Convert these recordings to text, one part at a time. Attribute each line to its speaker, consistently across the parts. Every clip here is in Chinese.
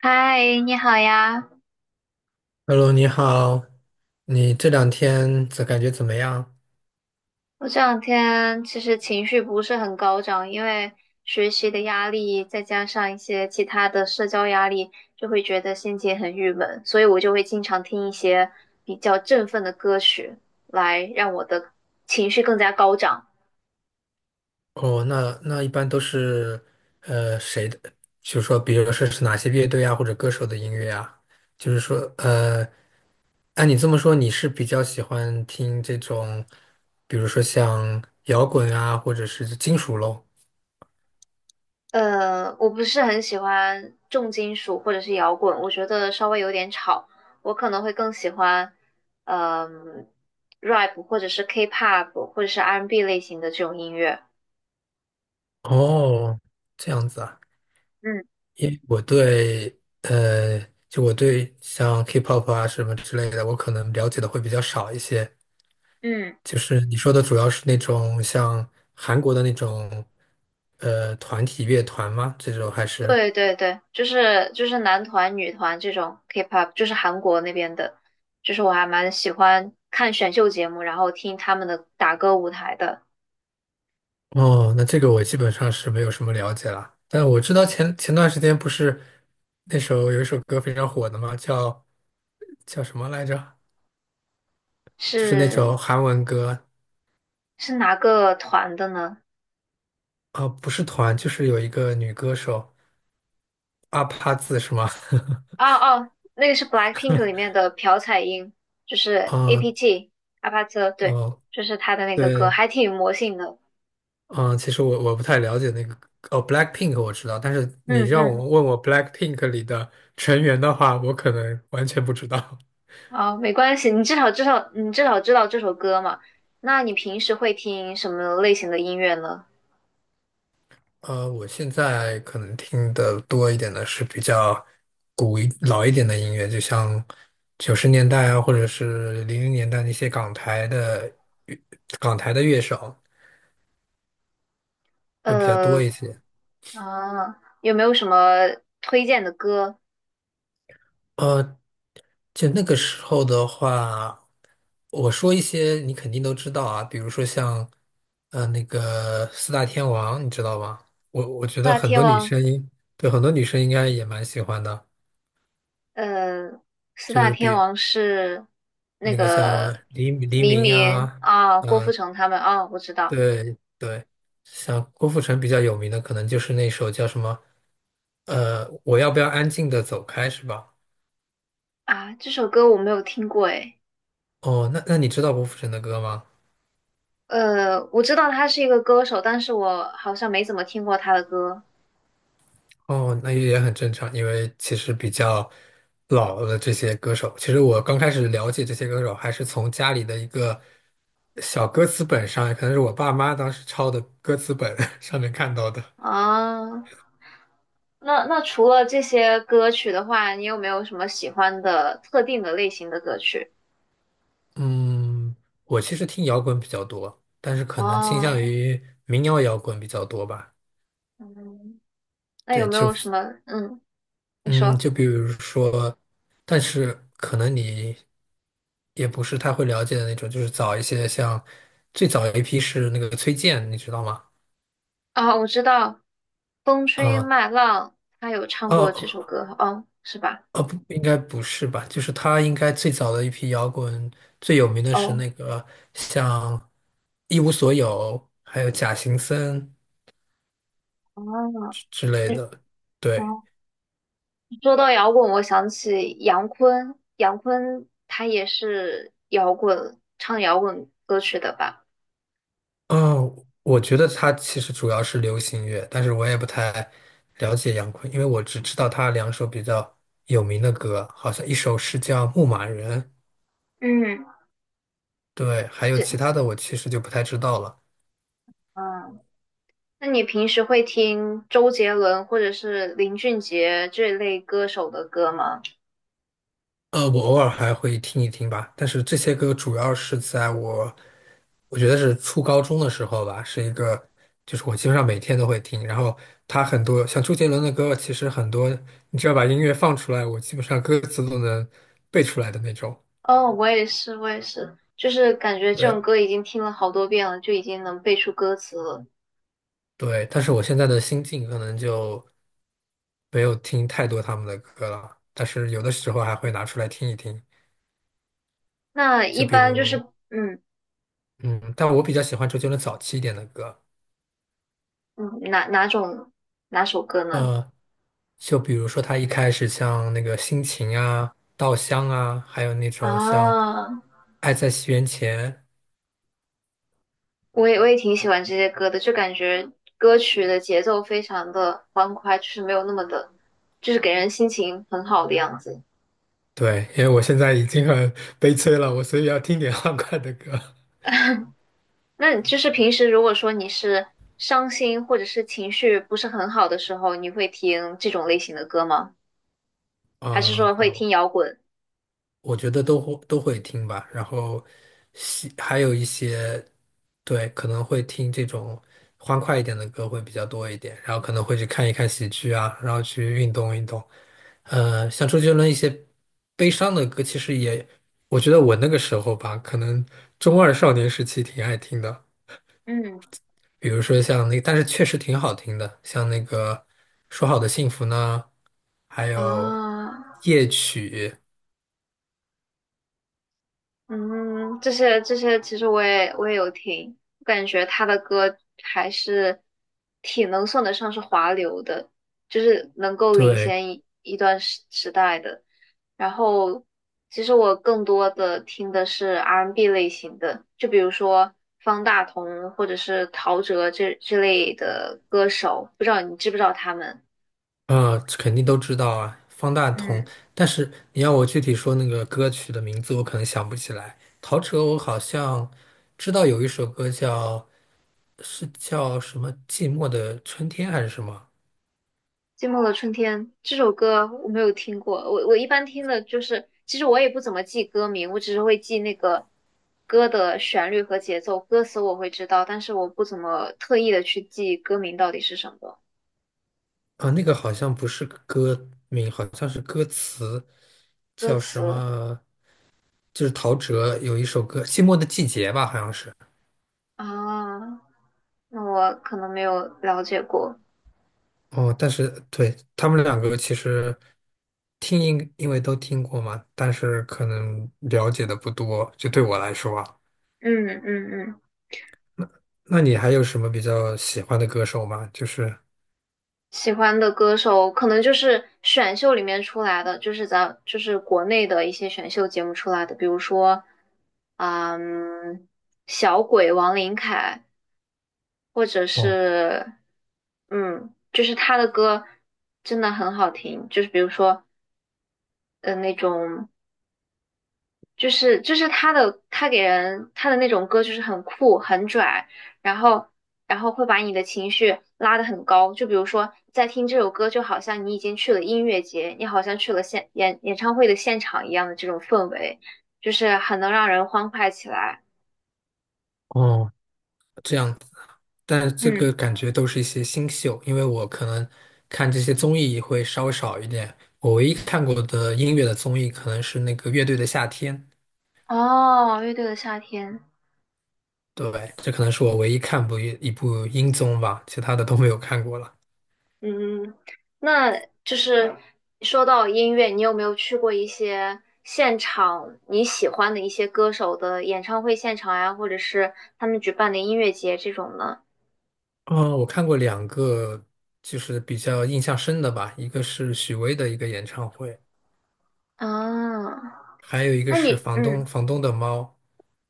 Speaker 1: 嗨，你好呀！
Speaker 2: Hello，你好，你这两天怎感觉怎么样？
Speaker 1: 我这两天其实情绪不是很高涨，因为学习的压力，再加上一些其他的社交压力，就会觉得心情很郁闷，所以我就会经常听一些比较振奋的歌曲，来让我的情绪更加高涨。
Speaker 2: 哦，那一般都是谁的？就是说，比如说是哪些乐队啊，或者歌手的音乐啊？就是说，按你这么说，你是比较喜欢听这种，比如说像摇滚啊，或者是金属咯？
Speaker 1: 我不是很喜欢重金属或者是摇滚，我觉得稍微有点吵，我可能会更喜欢，呃嗯、rap 或者是 K-pop 或者是 R&B 类型的这种音乐。
Speaker 2: 哦，这样子啊。
Speaker 1: 嗯
Speaker 2: 因为我对我对像 K-pop 啊什么之类的，我可能了解的会比较少一些。
Speaker 1: 嗯，
Speaker 2: 就是你说的主要是那种像韩国的那种团体乐团吗？这种还是？
Speaker 1: 对对对，就是男团、女团这种 K-pop，就是韩国那边的，就是我还蛮喜欢看选秀节目，然后听他们的打歌舞台的。
Speaker 2: 哦，那这个我基本上是没有什么了解了，但我知道前段时间不是那首有一首歌非常火的嘛，叫什么来着？就是那
Speaker 1: 是
Speaker 2: 首韩文歌。
Speaker 1: 是哪个团的呢？
Speaker 2: 啊，不是团，就是有一个女歌手阿帕字是吗？
Speaker 1: 哦 哦，那个是 BLACKPINK 里面的朴彩英，就是
Speaker 2: 嗯，
Speaker 1: APT 阿帕特，对，
Speaker 2: 哦，
Speaker 1: 就是他的那个歌，
Speaker 2: 对，
Speaker 1: 还挺有魔性的。
Speaker 2: 嗯，其实我不太了解那个。哦，BLACKPINK 我知道，但是
Speaker 1: 嗯
Speaker 2: 你让
Speaker 1: 嗯，
Speaker 2: 我问我 BLACKPINK 里的成员的话，我可能完全不知道。
Speaker 1: 哦，没关系，你至少知道这首歌嘛。那你平时会听什么类型的音乐呢？
Speaker 2: 我现在可能听的多一点的是比较老一点的音乐，就像九十年代啊，或者是零零年代那些港台的乐手会比较
Speaker 1: 呃，
Speaker 2: 多一些。
Speaker 1: 啊，有没有什么推荐的歌？
Speaker 2: 呃。就那个时候的话，我说一些你肯定都知道啊，比如说像，那个四大天王，你知道吗？我
Speaker 1: 四
Speaker 2: 觉得
Speaker 1: 大
Speaker 2: 很
Speaker 1: 天
Speaker 2: 多女
Speaker 1: 王，
Speaker 2: 生对，很多女生应该也蛮喜欢的，
Speaker 1: 呃，四
Speaker 2: 就
Speaker 1: 大
Speaker 2: 是
Speaker 1: 天
Speaker 2: 比
Speaker 1: 王是那
Speaker 2: 那个像
Speaker 1: 个
Speaker 2: 黎黎
Speaker 1: 黎
Speaker 2: 明
Speaker 1: 明
Speaker 2: 啊，
Speaker 1: 啊，郭富城他们啊，我知道
Speaker 2: 对对，像郭富城比较有名的，可能就是那首叫什么，我要不要安静的走开，是吧？
Speaker 1: 啊，这首歌我没有听过诶，
Speaker 2: 哦，那那你知道郭富城的歌吗？
Speaker 1: 我知道他是一个歌手，但是我好像没怎么听过他的歌
Speaker 2: 哦，那也很正常。因为其实比较老的这些歌手，其实我刚开始了解这些歌手，还是从家里的一个小歌词本上，可能是我爸妈当时抄的歌词本 上面看到的。
Speaker 1: 啊。那除了这些歌曲的话，你有没有什么喜欢的特定的类型的歌曲？
Speaker 2: 嗯，我其实听摇滚比较多，但是可能倾向
Speaker 1: 哦，
Speaker 2: 于民谣摇滚比较多吧。
Speaker 1: 嗯那有
Speaker 2: 对，
Speaker 1: 没有什么？你
Speaker 2: 嗯，
Speaker 1: 说
Speaker 2: 就比如说，但是可能你也不是太会了解的那种，就是早一些像，最早一批是那个崔健，你知道吗？
Speaker 1: 啊，我知道《风吹
Speaker 2: 啊、
Speaker 1: 麦浪》，他有唱过这首
Speaker 2: 哦，
Speaker 1: 歌，哦，是吧？
Speaker 2: 哦不，应该不是吧？就是他应该最早的一批摇滚，最有名的是
Speaker 1: 哦，
Speaker 2: 那个像《一无所有》，还有《假行僧》
Speaker 1: 哦，
Speaker 2: 之类
Speaker 1: 嗯
Speaker 2: 的。对，
Speaker 1: 哦，说到摇滚，我想起杨坤，杨坤他也是摇滚，唱摇滚歌曲的吧？
Speaker 2: 嗯，我觉得他其实主要是流行乐，但是我也不太了解杨坤，因为我只知道他两首比较有名的歌，好像一首是叫《牧马人》，
Speaker 1: 嗯，
Speaker 2: 对，还有
Speaker 1: 这，
Speaker 2: 其他的我其实就不太知道了。
Speaker 1: 嗯，那你平时会听周杰伦或者是林俊杰这类歌手的歌吗？
Speaker 2: 我偶尔还会听一听吧，但是这些歌主要是在我，我觉得是初高中的时候吧，是一个，就是我基本上每天都会听。然后他很多像周杰伦的歌，其实很多，你只要把音乐放出来，我基本上歌词都能背出来的那种。
Speaker 1: 哦，我也是，我也是，就是感觉这
Speaker 2: 对。
Speaker 1: 种歌已经听了好多遍了，就已经能背出歌词了。
Speaker 2: 对，但是我现在的心境可能就没有听太多他们的歌了，但是有的时候还会拿出来听一听，
Speaker 1: 那
Speaker 2: 就
Speaker 1: 一
Speaker 2: 比
Speaker 1: 般就是，
Speaker 2: 如，
Speaker 1: 嗯
Speaker 2: 嗯，但我比较喜欢周杰伦早期一点的歌。
Speaker 1: 嗯，哪种哪首歌呢？
Speaker 2: 呃，就比如说他一开始像那个《心情》啊、《稻香》啊，还有那种像
Speaker 1: 啊，
Speaker 2: 《爱在西元前》。
Speaker 1: 我也挺喜欢这些歌的，就感觉歌曲的节奏非常的欢快，就是没有那么的，就是给人心情很好的样子。
Speaker 2: 对，因为我现在已经很悲催了，我所以要听点 欢快的歌。
Speaker 1: 那你就是平时如果说你是伤心或者是情绪不是很好的时候，你会听这种类型的歌吗？还是
Speaker 2: 嗯，
Speaker 1: 说
Speaker 2: 对，
Speaker 1: 会听摇滚？
Speaker 2: 我觉得都会听吧，然后还有一些，对，可能会听这种欢快一点的歌会比较多一点，然后可能会去看一看喜剧啊，然后去运动运动。像周杰伦一些悲伤的歌，其实也，我觉得我那个时候吧，可能中二少年时期挺爱听的，
Speaker 1: 嗯
Speaker 2: 比如说但是确实挺好听的，像那个《说好的幸福》呢，还有
Speaker 1: 啊。
Speaker 2: 夜曲，
Speaker 1: 嗯，这些其实我也有听，我感觉他的歌还是挺能算得上是华流的，就是能够领
Speaker 2: 对。
Speaker 1: 先一段时代的。然后，其实我更多的听的是 R&B 类型的，就比如说方大同或者是陶喆这类的歌手，不知道你知不知道他们？
Speaker 2: 啊，这肯定都知道啊，方大同。
Speaker 1: 嗯。
Speaker 2: 但是你要我具体说那个歌曲的名字，我可能想不起来。陶喆，我好像知道有一首歌叫，是叫什么《寂寞的春天》还是什么？
Speaker 1: 寂寞的春天这首歌我没有听过，我一般听的就是，其实我也不怎么记歌名，我只是会记那个歌的旋律和节奏，歌词我会知道，但是我不怎么特意的去记歌名到底是什么，
Speaker 2: 啊，那个好像不是歌名，好像是歌词，
Speaker 1: 歌
Speaker 2: 叫什
Speaker 1: 词
Speaker 2: 么？就是陶喆有一首歌《寂寞的季节》吧，好像是。
Speaker 1: 啊，那我可能没有了解过，
Speaker 2: 哦，但是对他们两个其实听因为都听过嘛，但是可能了解的不多，就对我来说啊。
Speaker 1: 嗯嗯嗯。
Speaker 2: 那你还有什么比较喜欢的歌手吗？就是
Speaker 1: 喜欢的歌手可能就是选秀里面出来的，就是咱就是国内的一些选秀节目出来的，比如说，嗯，小鬼王琳凯，或者
Speaker 2: 哦，
Speaker 1: 是，就是他的歌真的很好听，就是比如说，那种就是他给人的那种歌就是很酷很拽，然后会把你的情绪拉得很高。就比如说，在听这首歌，就好像你已经去了音乐节，你好像去了演唱会的现场一样的这种氛围，就是很能让人欢快起来。
Speaker 2: 哦，这样子。但这个
Speaker 1: 嗯，
Speaker 2: 感觉都是一些新秀，因为我可能看这些综艺会稍微少一点。我唯一看过的音乐的综艺可能是那个乐队的夏天，
Speaker 1: 哦，乐队的夏天。
Speaker 2: 对，这可能是我唯一看过一部音综吧，其他的都没有看过了。
Speaker 1: 嗯，那就是说到音乐，你有没有去过一些现场你喜欢的一些歌手的演唱会现场呀，或者是他们举办的音乐节这种呢？
Speaker 2: 嗯，我看过两个，就是比较印象深的吧，一个是许巍的一个演唱会，
Speaker 1: 啊，
Speaker 2: 还有一个
Speaker 1: 那
Speaker 2: 是
Speaker 1: 你，
Speaker 2: 房东的猫。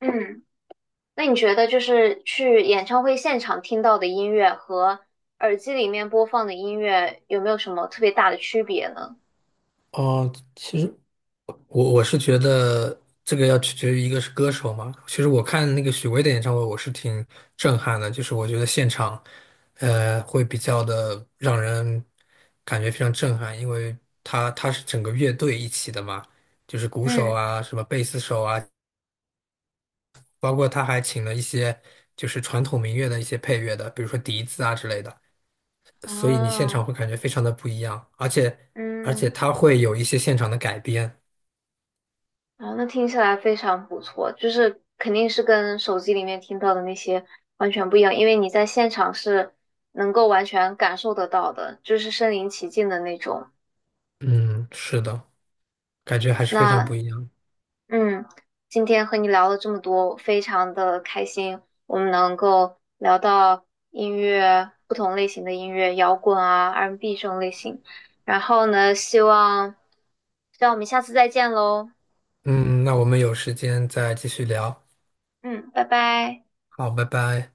Speaker 1: 嗯，那你觉得就是去演唱会现场听到的音乐和耳机里面播放的音乐有没有什么特别大的区别呢？
Speaker 2: 哦，其实我是觉得这个要取决于一个是歌手嘛。其实我看那个许巍的演唱会，我是挺震撼的，就是我觉得现场，会比较的让人感觉非常震撼，因为他是整个乐队一起的嘛，就是鼓手
Speaker 1: 嗯，
Speaker 2: 啊，什么贝斯手啊。包括他还请了一些就是传统民乐的一些配乐的，比如说笛子啊之类的，所以你现场
Speaker 1: 啊，
Speaker 2: 会感觉非常的不一样。而且
Speaker 1: 嗯。
Speaker 2: 他会有一些现场的改编，
Speaker 1: 啊，那听起来非常不错，就是肯定是跟手机里面听到的那些完全不一样，因为你在现场是能够完全感受得到的，就是身临其境的那种。
Speaker 2: 嗯，是的，感觉还是非常
Speaker 1: 那
Speaker 2: 不一样。
Speaker 1: 嗯，今天和你聊了这么多，非常的开心，我们能够聊到音乐，不同类型的音乐，摇滚啊，R&B 这种类型。然后呢，希望我们下次再见喽。
Speaker 2: 嗯，那我们有时间再继续聊，
Speaker 1: 嗯，拜拜。
Speaker 2: 好，拜拜。